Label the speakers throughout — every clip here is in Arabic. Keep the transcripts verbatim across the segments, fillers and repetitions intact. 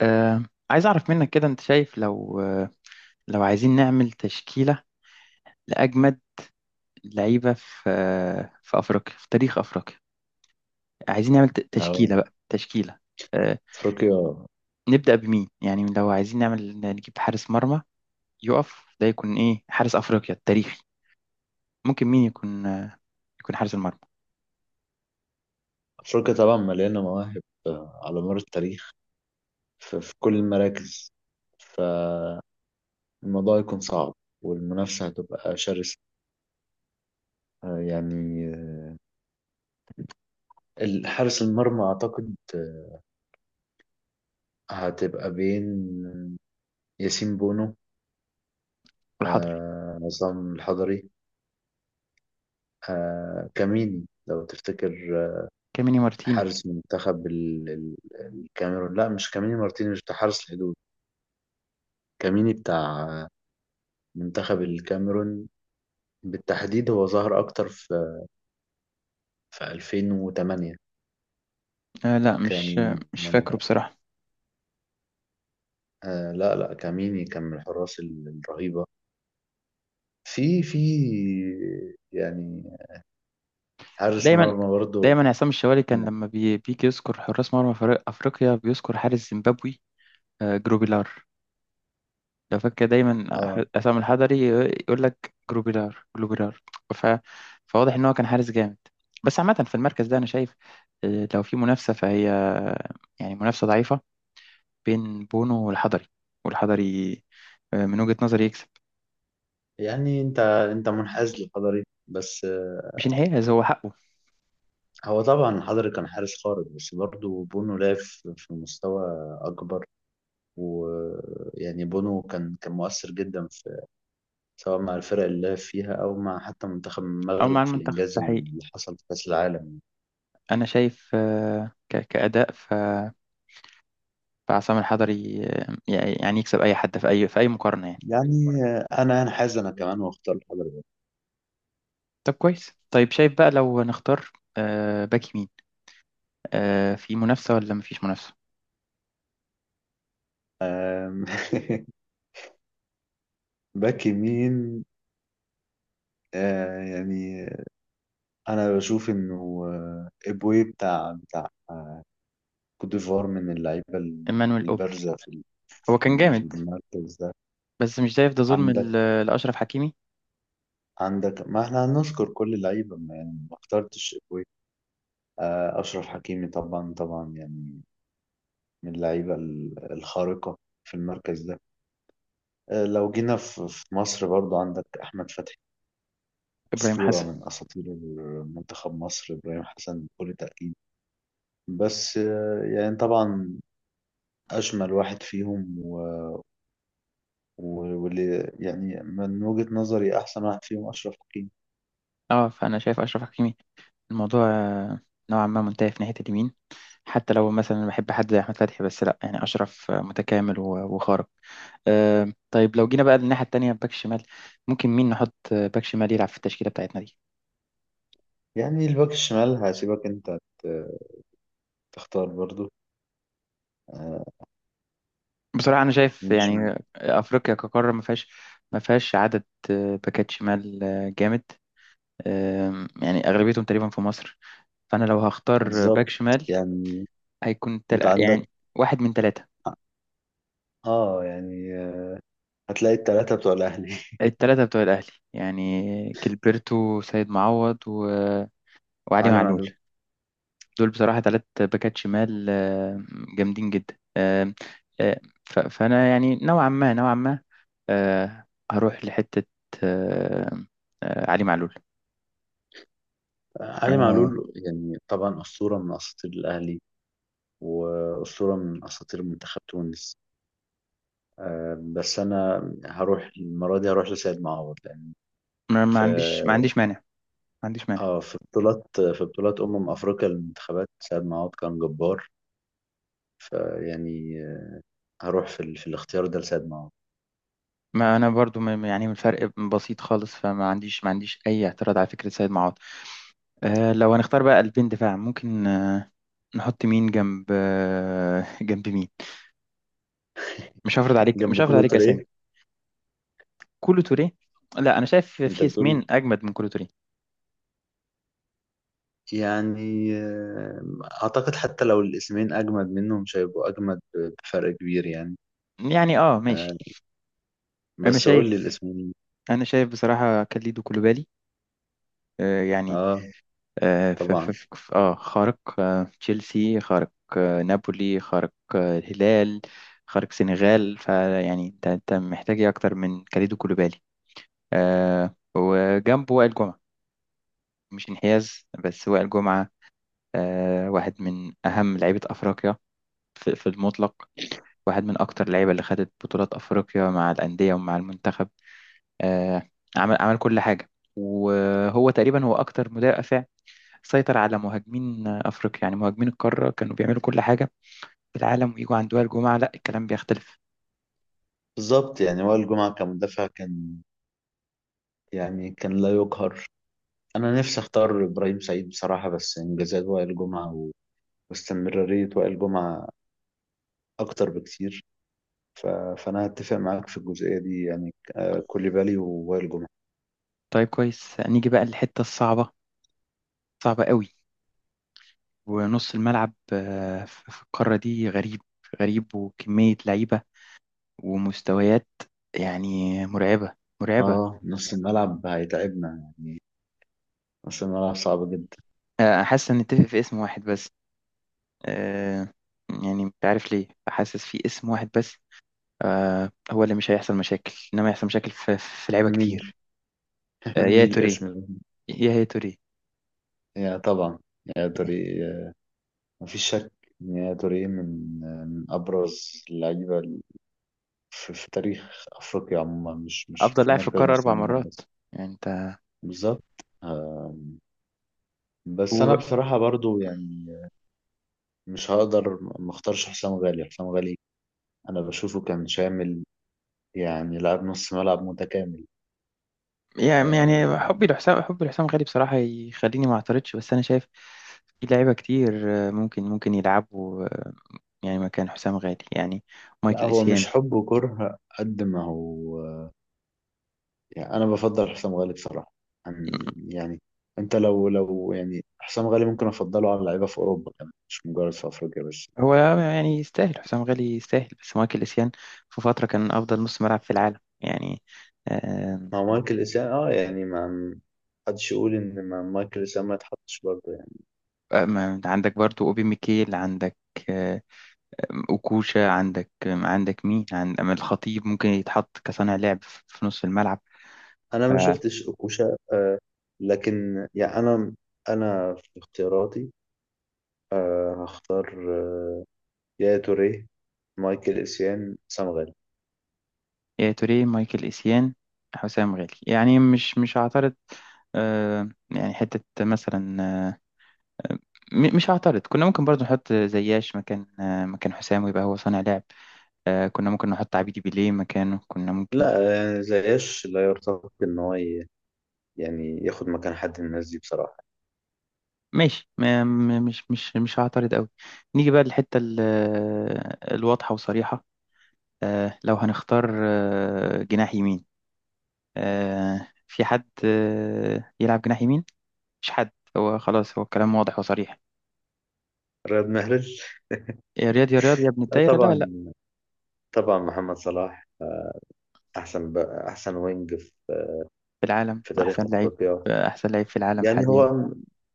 Speaker 1: آه، عايز أعرف منك كده، أنت شايف لو آه، لو عايزين نعمل تشكيلة لأجمد لعيبة في آه، في أفريقيا، في تاريخ أفريقيا. عايزين نعمل ت-
Speaker 2: اه،
Speaker 1: تشكيلة، بقى تشكيلة. آه،
Speaker 2: افريقيا
Speaker 1: نبدأ بمين؟ يعني لو عايزين نعمل نجيب حارس مرمى يقف، ده يكون إيه؟ حارس أفريقيا التاريخي ممكن مين يكون؟ آه، يكون حارس المرمى.
Speaker 2: افريقيا طبعا مليانه مواهب، آه، على مر التاريخ، ف- في كل المراكز. فالموضوع يكون صعب، والمنافسه هتبقى شرسه. آه، يعني آه، ال- حارس المرمى اعتقد آه، هتبقى بين ياسين بونو،
Speaker 1: والحضري.
Speaker 2: آه، عصام الحضري، آه، كاميني لو تفتكر، آه،
Speaker 1: كاميني مارتيني.
Speaker 2: حارس منتخب ال- ال- الكاميرون. لا، مش كاميني مارتينيز بتاع حارس الحدود. كاميني بتاع آه، منتخب الكاميرون بالتحديد. هو ظهر أكتر في في ألفين وثمانية.
Speaker 1: آه لا، مش آه،
Speaker 2: كان.
Speaker 1: مش فاكره بصراحة.
Speaker 2: آه لا لا، كاميني كان من الحراس ال- الرهيبة في في يعني حارس
Speaker 1: دايما،
Speaker 2: مرمى برضه.
Speaker 1: دايما عصام الشوالي كان لما بي- بيجي يذكر حراس مرمى فريق أفريقيا بيذكر حارس زيمبابوي، آه، جروبيلار. لو فاكر، دايما
Speaker 2: اه،
Speaker 1: ح- عصام الحضري يقول لك: جروبيلار، جروبيلار. ف... فواضح ان هو كان حارس جامد. بس عامة، في المركز ده انا شايف آه، لو في منافسة فهي آه، يعني منافسة ضعيفة بين بونو والحضري. والحضري آه، من وجهة نظري يكسب.
Speaker 2: يعني انت انت منحاز للحضري بس، آه،
Speaker 1: مش انحياز، هو حقه.
Speaker 2: هو طبعا الحضري كان حارس خارق، بس برضه بونو لعب في في مستوى أكبر. ويعني بونو كان كان مؤثر جدا في، سواء مع الفرق اللي لعب فيها أو مع حتى منتخب
Speaker 1: او
Speaker 2: المغرب
Speaker 1: مع
Speaker 2: في
Speaker 1: المنتخب
Speaker 2: الإنجاز
Speaker 1: ده حقيقي.
Speaker 2: اللي حصل في كأس العالم.
Speaker 1: انا شايف آه، ك... كأداء، ف... فعصام الحضري آه، يعني يكسب اي حد في اي، في اي مقارنة يعني.
Speaker 2: يعني انا هنحاز انا كمان واختار حضرتك.
Speaker 1: طب كويس. طيب شايف بقى لو نختار باك يمين، آه في منافسة ولا مفيش منافسة؟
Speaker 2: أم، باك يمين. آه، يعني انا بشوف انه آه، ابوي بتاع بتاع كوت ديفوار من اللعيبه ال-
Speaker 1: إيمانويل أوبي.
Speaker 2: البارزه في ال-
Speaker 1: هو
Speaker 2: في
Speaker 1: كان
Speaker 2: ال- في
Speaker 1: جامد،
Speaker 2: المركز ده.
Speaker 1: بس مش شايف ده ظلم
Speaker 2: عندك
Speaker 1: ل- لأشرف حكيمي؟
Speaker 2: عندك ما احنا هنذكر كل اللعيبه. ما يعني ما اخترتش ابوي. آه، اشرف حكيمي طبعا طبعا، يعني من اللعيبه ال- الخارقه في المركز ده. آه، لو جينا في في مصر، برضو عندك احمد فتحي،
Speaker 1: إبراهيم
Speaker 2: أسطورة
Speaker 1: حسن.
Speaker 2: من أساطير منتخب مصر، إبراهيم حسن بكل تأكيد. بس آه، يعني طبعا أجمل واحد فيهم و- و- واللي يعني من وجهة نظري أحسن واحد فيهم أشرف حكيمي.
Speaker 1: اه، فأنا شايف أشرف حكيمي، الموضوع آه، نوعا ما منتهي في ناحية اليمين. حتى لو مثلا بحب حد زي أحمد فتحي، بس لأ. يعني أشرف آه، متكامل و- وخارق. آه طيب، لو جينا بقى للناحية التانية، باك شمال، ممكن مين نحط آه، باك شمال يلعب في التشكيلة بتاعتنا دي؟
Speaker 2: يعني الباك الشمال هسيبك أنت ت- تختار برضو. آه،
Speaker 1: بصراحة أنا شايف
Speaker 2: مش م-
Speaker 1: يعني أفريقيا كقارة ما فيهاش. ما فيهاش عدد آه، باكات شمال آه، جامد. آم، يعني أغلبيتهم تقريبا في مصر. فانا لو هختار باك
Speaker 2: بالظبط.
Speaker 1: شمال
Speaker 2: يعني
Speaker 1: هيكون تل...
Speaker 2: أنت عندك.
Speaker 1: يعني واحد من ثلاثه.
Speaker 2: آه يعني آه، هتلاقي التلاتة بتوع الأهلي.
Speaker 1: الثلاثه بتوع الاهلي، يعني جilberto، سيد معوض و... وعلي
Speaker 2: علي
Speaker 1: معلول.
Speaker 2: معلول
Speaker 1: دول بصراحه ثلاث باكات شمال، آه، جامدين جدا. آه، آه، ف... فانا يعني نوعا ما، نوعا ما آه، هروح لحته. آه، آه، علي معلول.
Speaker 2: علي
Speaker 1: آه،
Speaker 2: معلول يعني طبعا أسطورة من أساطير الأهلي وأسطورة من أساطير منتخب تونس. آه، بس انا هروح المره دي، هروح لسيد معوض، لان
Speaker 1: ما ما
Speaker 2: في
Speaker 1: عنديش، ما عنديش مانع ما عنديش مانع.
Speaker 2: اه في بطولات في بطولات امم افريقيا للمنتخبات سيد معوض كان جبار. فيعني، آه، هروح في, ال... في الاختيار ده لسيد معوض.
Speaker 1: ما انا برضو م- يعني من فرق بسيط خالص، فما عنديش ما عنديش اي اعتراض على فكره سيد معوض. آه، لو هنختار بقى قلبين دفاع، ممكن آه، نحط مين جنب؟ آه، جنب مين؟ مش هفرض عليك مش
Speaker 2: جنب
Speaker 1: هفرض عليك
Speaker 2: كلوتر
Speaker 1: اسامي.
Speaker 2: ايه؟
Speaker 1: كولو توريه؟ لا، انا شايف
Speaker 2: انت
Speaker 1: في
Speaker 2: بتقول؟
Speaker 1: اسمين اجمد من كولو توريه.
Speaker 2: يعني آه، اعتقد حتى لو الاسمين اجمد منهم مش هيبقوا اجمد بفرق كبير يعني.
Speaker 1: يعني، اه
Speaker 2: آه،
Speaker 1: ماشي. انا
Speaker 2: بس قول لي
Speaker 1: شايف
Speaker 2: الاسمين.
Speaker 1: انا شايف بصراحه كاليدو كولوبالي. آه، يعني،
Speaker 2: اه،
Speaker 1: اه. ف- ف-
Speaker 2: طبعا.
Speaker 1: ف- ف- آه، خارق. آه، تشيلسي خارق. آه، نابولي خارق. آه، الهلال خارق، سنغال. فيعني انت انت محتاج ايه اكتر من كاليدو كولوبالي؟ آه، وجنبه وائل جمعه. مش انحياز، بس وائل جمعه آه، واحد من أهم لعيبة أفريقيا في في المطلق. واحد من أكتر اللعيبة اللي خدت بطولات أفريقيا مع الأندية ومع المنتخب. آه، عمل عمل كل حاجة. وهو تقريبا هو أكتر مدافع سيطر على مهاجمين أفريقيا. يعني مهاجمين القارة كانوا بيعملوا كل حاجة في العالم، ويجوا عند وائل جمعة، لا الكلام بيختلف.
Speaker 2: بالظبط. يعني وائل جمعة كمدافع كان، يعني كان لا يقهر. انا نفسي اختار ابراهيم سعيد بصراحه، بس انجازات وائل جمعه و- واستمراريه وائل جمعه اكتر بكتير. ف... فانا هتفق معاك في الجزئيه دي، يعني آه، كوليبالي ووائل جمعه.
Speaker 1: طيب كويس. نيجي بقى للحتة الصعبة، صعبة قوي. ونص الملعب آه، في في القارة دي غريب. غريب، وكمية لعيبة ومستويات يعني مرعبة. مرعبة.
Speaker 2: اه، نص الملعب هيتعبنا. نص الملعب صعب جدا.
Speaker 1: آه، حاسس ان نتفق في اسم واحد بس. آه، يعني مش عارف ليه حاسس في اسم واحد بس. آه، هو اللي مش هيحصل مشاكل، انما يحصل مشاكل في في لعيبه
Speaker 2: مين؟
Speaker 1: كتير. آه، يا
Speaker 2: مين
Speaker 1: توريه.
Speaker 2: الاسم ده؟
Speaker 1: يا هي توريه.
Speaker 2: يا، طبعا. يا توري، آه، مفيش شك إن يا توري من آه، من ابرز اللعيبه ال- في... في تاريخ افريقيا عموما، مش مش
Speaker 1: افضل
Speaker 2: في
Speaker 1: لاعب في
Speaker 2: مركز
Speaker 1: القاره
Speaker 2: نص
Speaker 1: اربع
Speaker 2: الملعب
Speaker 1: مرات،
Speaker 2: بس.
Speaker 1: يعني انت.
Speaker 2: بالظبط. بس
Speaker 1: و...
Speaker 2: انا بصراحة برضو يعني مش هقدر ما اختارش حسام غالي. حسام غالي انا بشوفه كان شامل، يعني لاعب نص ملعب متكامل.
Speaker 1: يعني يعني حبي لحسام حبي لحسام غالي بصراحه يخليني ما اعترضش، بس انا شايف في لعيبه كتير آه، ممكن ممكن يلعبوا آه، يعني مكان حسام غالي، يعني
Speaker 2: لا،
Speaker 1: مايكل
Speaker 2: هو مش
Speaker 1: اسيان.
Speaker 2: حب وكره قد ما هو، يعني انا بفضل حسام غالي بصراحة عن، يعني انت لو لو يعني حسام غالي ممكن افضله على لعيبة في اوروبا كمان، مش مجرد في افريقيا بس.
Speaker 1: هو يعني يستاهل، حسام غالي يستاهل، بس مايكل إيسيان في فترة كان أفضل نص ملعب في العالم يعني. آه،
Speaker 2: مع مايكل اسام اه يعني ما حدش يقول ان ما مايكل اسام ما يتحطش برضه.
Speaker 1: ما- عندك برضو أوبي ميكيل. عندك آه، أوكوشا. عندك عندك مين؟ عند، أما الخطيب، ممكن يتحط كصانع لعب في نص الملعب.
Speaker 2: انا
Speaker 1: ف-
Speaker 2: ما شفتش اوكوشا. آه لكن يعني انا انا في اختياراتي آه هختار آه يا توريه، مايكل اسيان، سام غالي.
Speaker 1: يا توريه، مايكل إيسيان، حسام غالي. يعني مش مش هعترض. آه، يعني حتة مثلا، آه، آه، م- مش هعترض. كنا ممكن برضو نحط زياش مكان آه، مكان حسام، ويبقى هو صانع لعب. آه كنا ممكن نحط عبيدي بيليه مكانه، كنا ممكن.
Speaker 2: لا يعني زياش لا يرتقي ان هو ي- يعني ياخد مكان حد من الناس دي بصراحه.
Speaker 1: ماشي، ما م- مش مش مش هعترض قوي. نيجي بقى للحتة ال- آه، الواضحة وصريحة. آه لو هنختار آه جناح يمين، آه في حد آه يلعب جناح يمين؟ مش حد، هو خلاص، هو الكلام واضح وصريح.
Speaker 2: رياض محرز؟
Speaker 1: يا رياض، يا رياض، يا ابن
Speaker 2: لا،
Speaker 1: الدايرة، لا لا.
Speaker 2: طبعا. طبعا محمد صلاح، احسن بقى احسن وينج في,
Speaker 1: في العالم،
Speaker 2: في تاريخ
Speaker 1: أحسن لعيب.
Speaker 2: افريقيا.
Speaker 1: آه، أحسن لعيب في العالم
Speaker 2: يعني
Speaker 1: حاليا.
Speaker 2: هو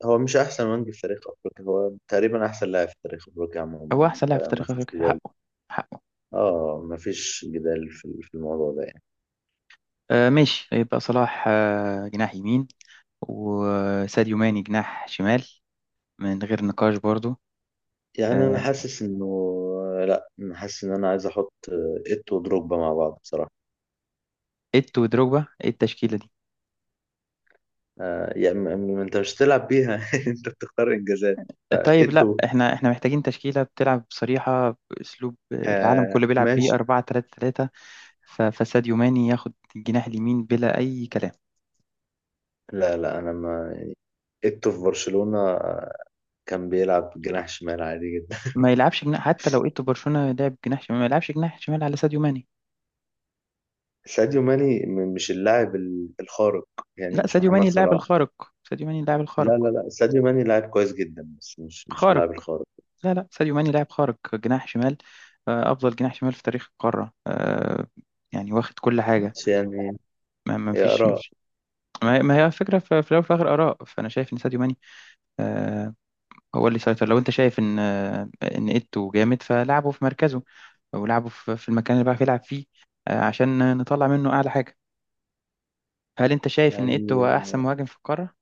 Speaker 2: هو مش احسن وينج في تاريخ افريقيا، هو تقريبا احسن لاعب في تاريخ افريقيا عموما
Speaker 1: هو
Speaker 2: يعني،
Speaker 1: أحسن لاعب في
Speaker 2: فما
Speaker 1: تاريخ
Speaker 2: فيش
Speaker 1: أفريقيا،
Speaker 2: جدال.
Speaker 1: حقه، حقه.
Speaker 2: اه، مفيش جدال في في الموضوع ده يعني.
Speaker 1: آه ماشي، يبقى صلاح آه جناح يمين، وساديو ماني جناح شمال، من غير نقاش برضو.
Speaker 2: يعني انا حاسس انه، لا، انا حاسس ان انا عايز احط ات ودروجبا مع بعض بصراحه.
Speaker 1: ايتو ودروجبا؟ ايه التشكيلة دي؟
Speaker 2: آه يعني م- م- انت مش هتلعب بيها. انت بتختار انجازات.
Speaker 1: طيب لا،
Speaker 2: اتو،
Speaker 1: احنا احنا محتاجين تشكيلة بتلعب بصريحة، باسلوب العالم
Speaker 2: آه
Speaker 1: كله بيلعب بيه،
Speaker 2: ماشي.
Speaker 1: أربعة ثلاثة ثلاثة. فساديو ماني ياخد الجناح اليمين بلا اي كلام.
Speaker 2: لا لا، انا ما اتو في برشلونه آه، كان بيلعب جناح شمال عادي جدا.
Speaker 1: ما يلعبش جناح. حتى لو ايتو برشلونة لعب جناح شمال، ما يلعبش جناح شمال على ساديو ماني.
Speaker 2: ساديو ماني م- مش اللاعب ال- الخارق، يعني
Speaker 1: لا،
Speaker 2: مش
Speaker 1: ساديو
Speaker 2: محمد
Speaker 1: ماني اللاعب
Speaker 2: صلاح.
Speaker 1: الخارق. ساديو ماني اللاعب
Speaker 2: لا لا
Speaker 1: الخارق.
Speaker 2: لا، ساديو ماني لاعب كويس جدا، بس مش مش
Speaker 1: خارق.
Speaker 2: اللاعب الخارق.
Speaker 1: لا لا، ساديو ماني لاعب خارق جناح شمال. آه، افضل جناح شمال في تاريخ القارة. آه، يعني واخد كل حاجة.
Speaker 2: ماشي، يعني
Speaker 1: ما ما
Speaker 2: يا
Speaker 1: فيش.
Speaker 2: اراء.
Speaker 1: ما هي ما هي الفكرة في في الأول وفي الآخر، آراء، فأنا شايف إن ساديو ماني آه هو اللي سيطر. لو أنت شايف إن آه إن إيتو جامد فلعبه في مركزه، أو لعبه في في المكان اللي بيعرف يلعب فيه، آه عشان نطلع منه أعلى حاجة. هل أنت شايف إن
Speaker 2: يعني
Speaker 1: إيتو هو أحسن مهاجم في القارة؟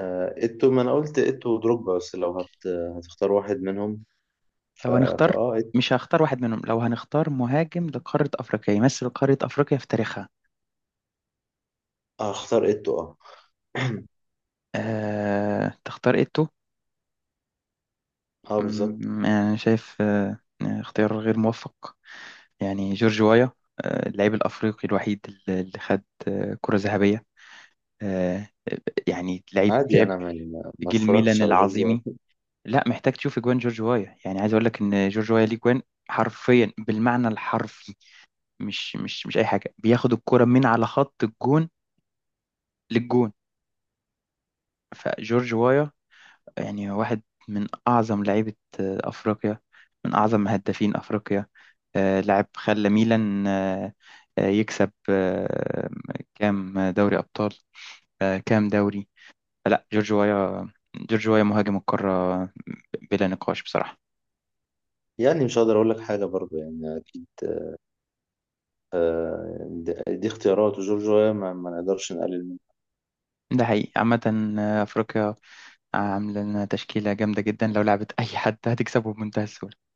Speaker 2: آه، إيتو، ما أنا قلت إيتو ودروجبا. بس لو هت... هتختار واحد منهم، ف...
Speaker 1: لو هنختار،
Speaker 2: فأه إيتو.
Speaker 1: مش هختار واحد منهم. لو هنختار مهاجم لقارة أفريقيا يمثل قارة أفريقيا في تاريخها؟
Speaker 2: هختار إيتو، أه.
Speaker 1: آه تختار إيتو؟
Speaker 2: أه، بالظبط.
Speaker 1: مم، يعني أنا شايف آه آه، اختيار غير موفق. يعني جورج وايا آه، اللاعب الأفريقي الوحيد اللي اللي خد آه، كرة ذهبية. آه، يعني لعيب،
Speaker 2: عادي،
Speaker 1: لعب
Speaker 2: أنا ما,
Speaker 1: في
Speaker 2: ما
Speaker 1: جيل ميلان
Speaker 2: اتفرجتش على جورج
Speaker 1: العظيمي.
Speaker 2: وقت.
Speaker 1: لا، محتاج تشوف اجوان جورج وايا. يعني عايز اقول لك ان جورج وايا ليه جوان. حرفيا، بالمعنى الحرفي. مش مش مش اي حاجه، بياخد الكرة من على خط الجون للجون. فجورج وايا يعني واحد من أعظم لعيبة آه، أفريقيا، من أعظم هدافين أفريقيا. آه، لاعب خلى ميلان آه، آه، يكسب آه، كام دوري أبطال، آه، كام دوري. لا، جورج وايا. جورج وايا مهاجم القارة، بلا نقاش، بصراحة.
Speaker 2: يعني مش هقدر أقول لك حاجة برضه، يعني أكيد. آه، دي, دي اختيارات، وجورج ويا ما... ما نقدرش نقلل.
Speaker 1: ده حقيقي. عامة آه، أفريقيا عاملة لنا تشكيلة جامدة جدا، لو لعبت أي حد هتكسبه بمنتهى السهولة.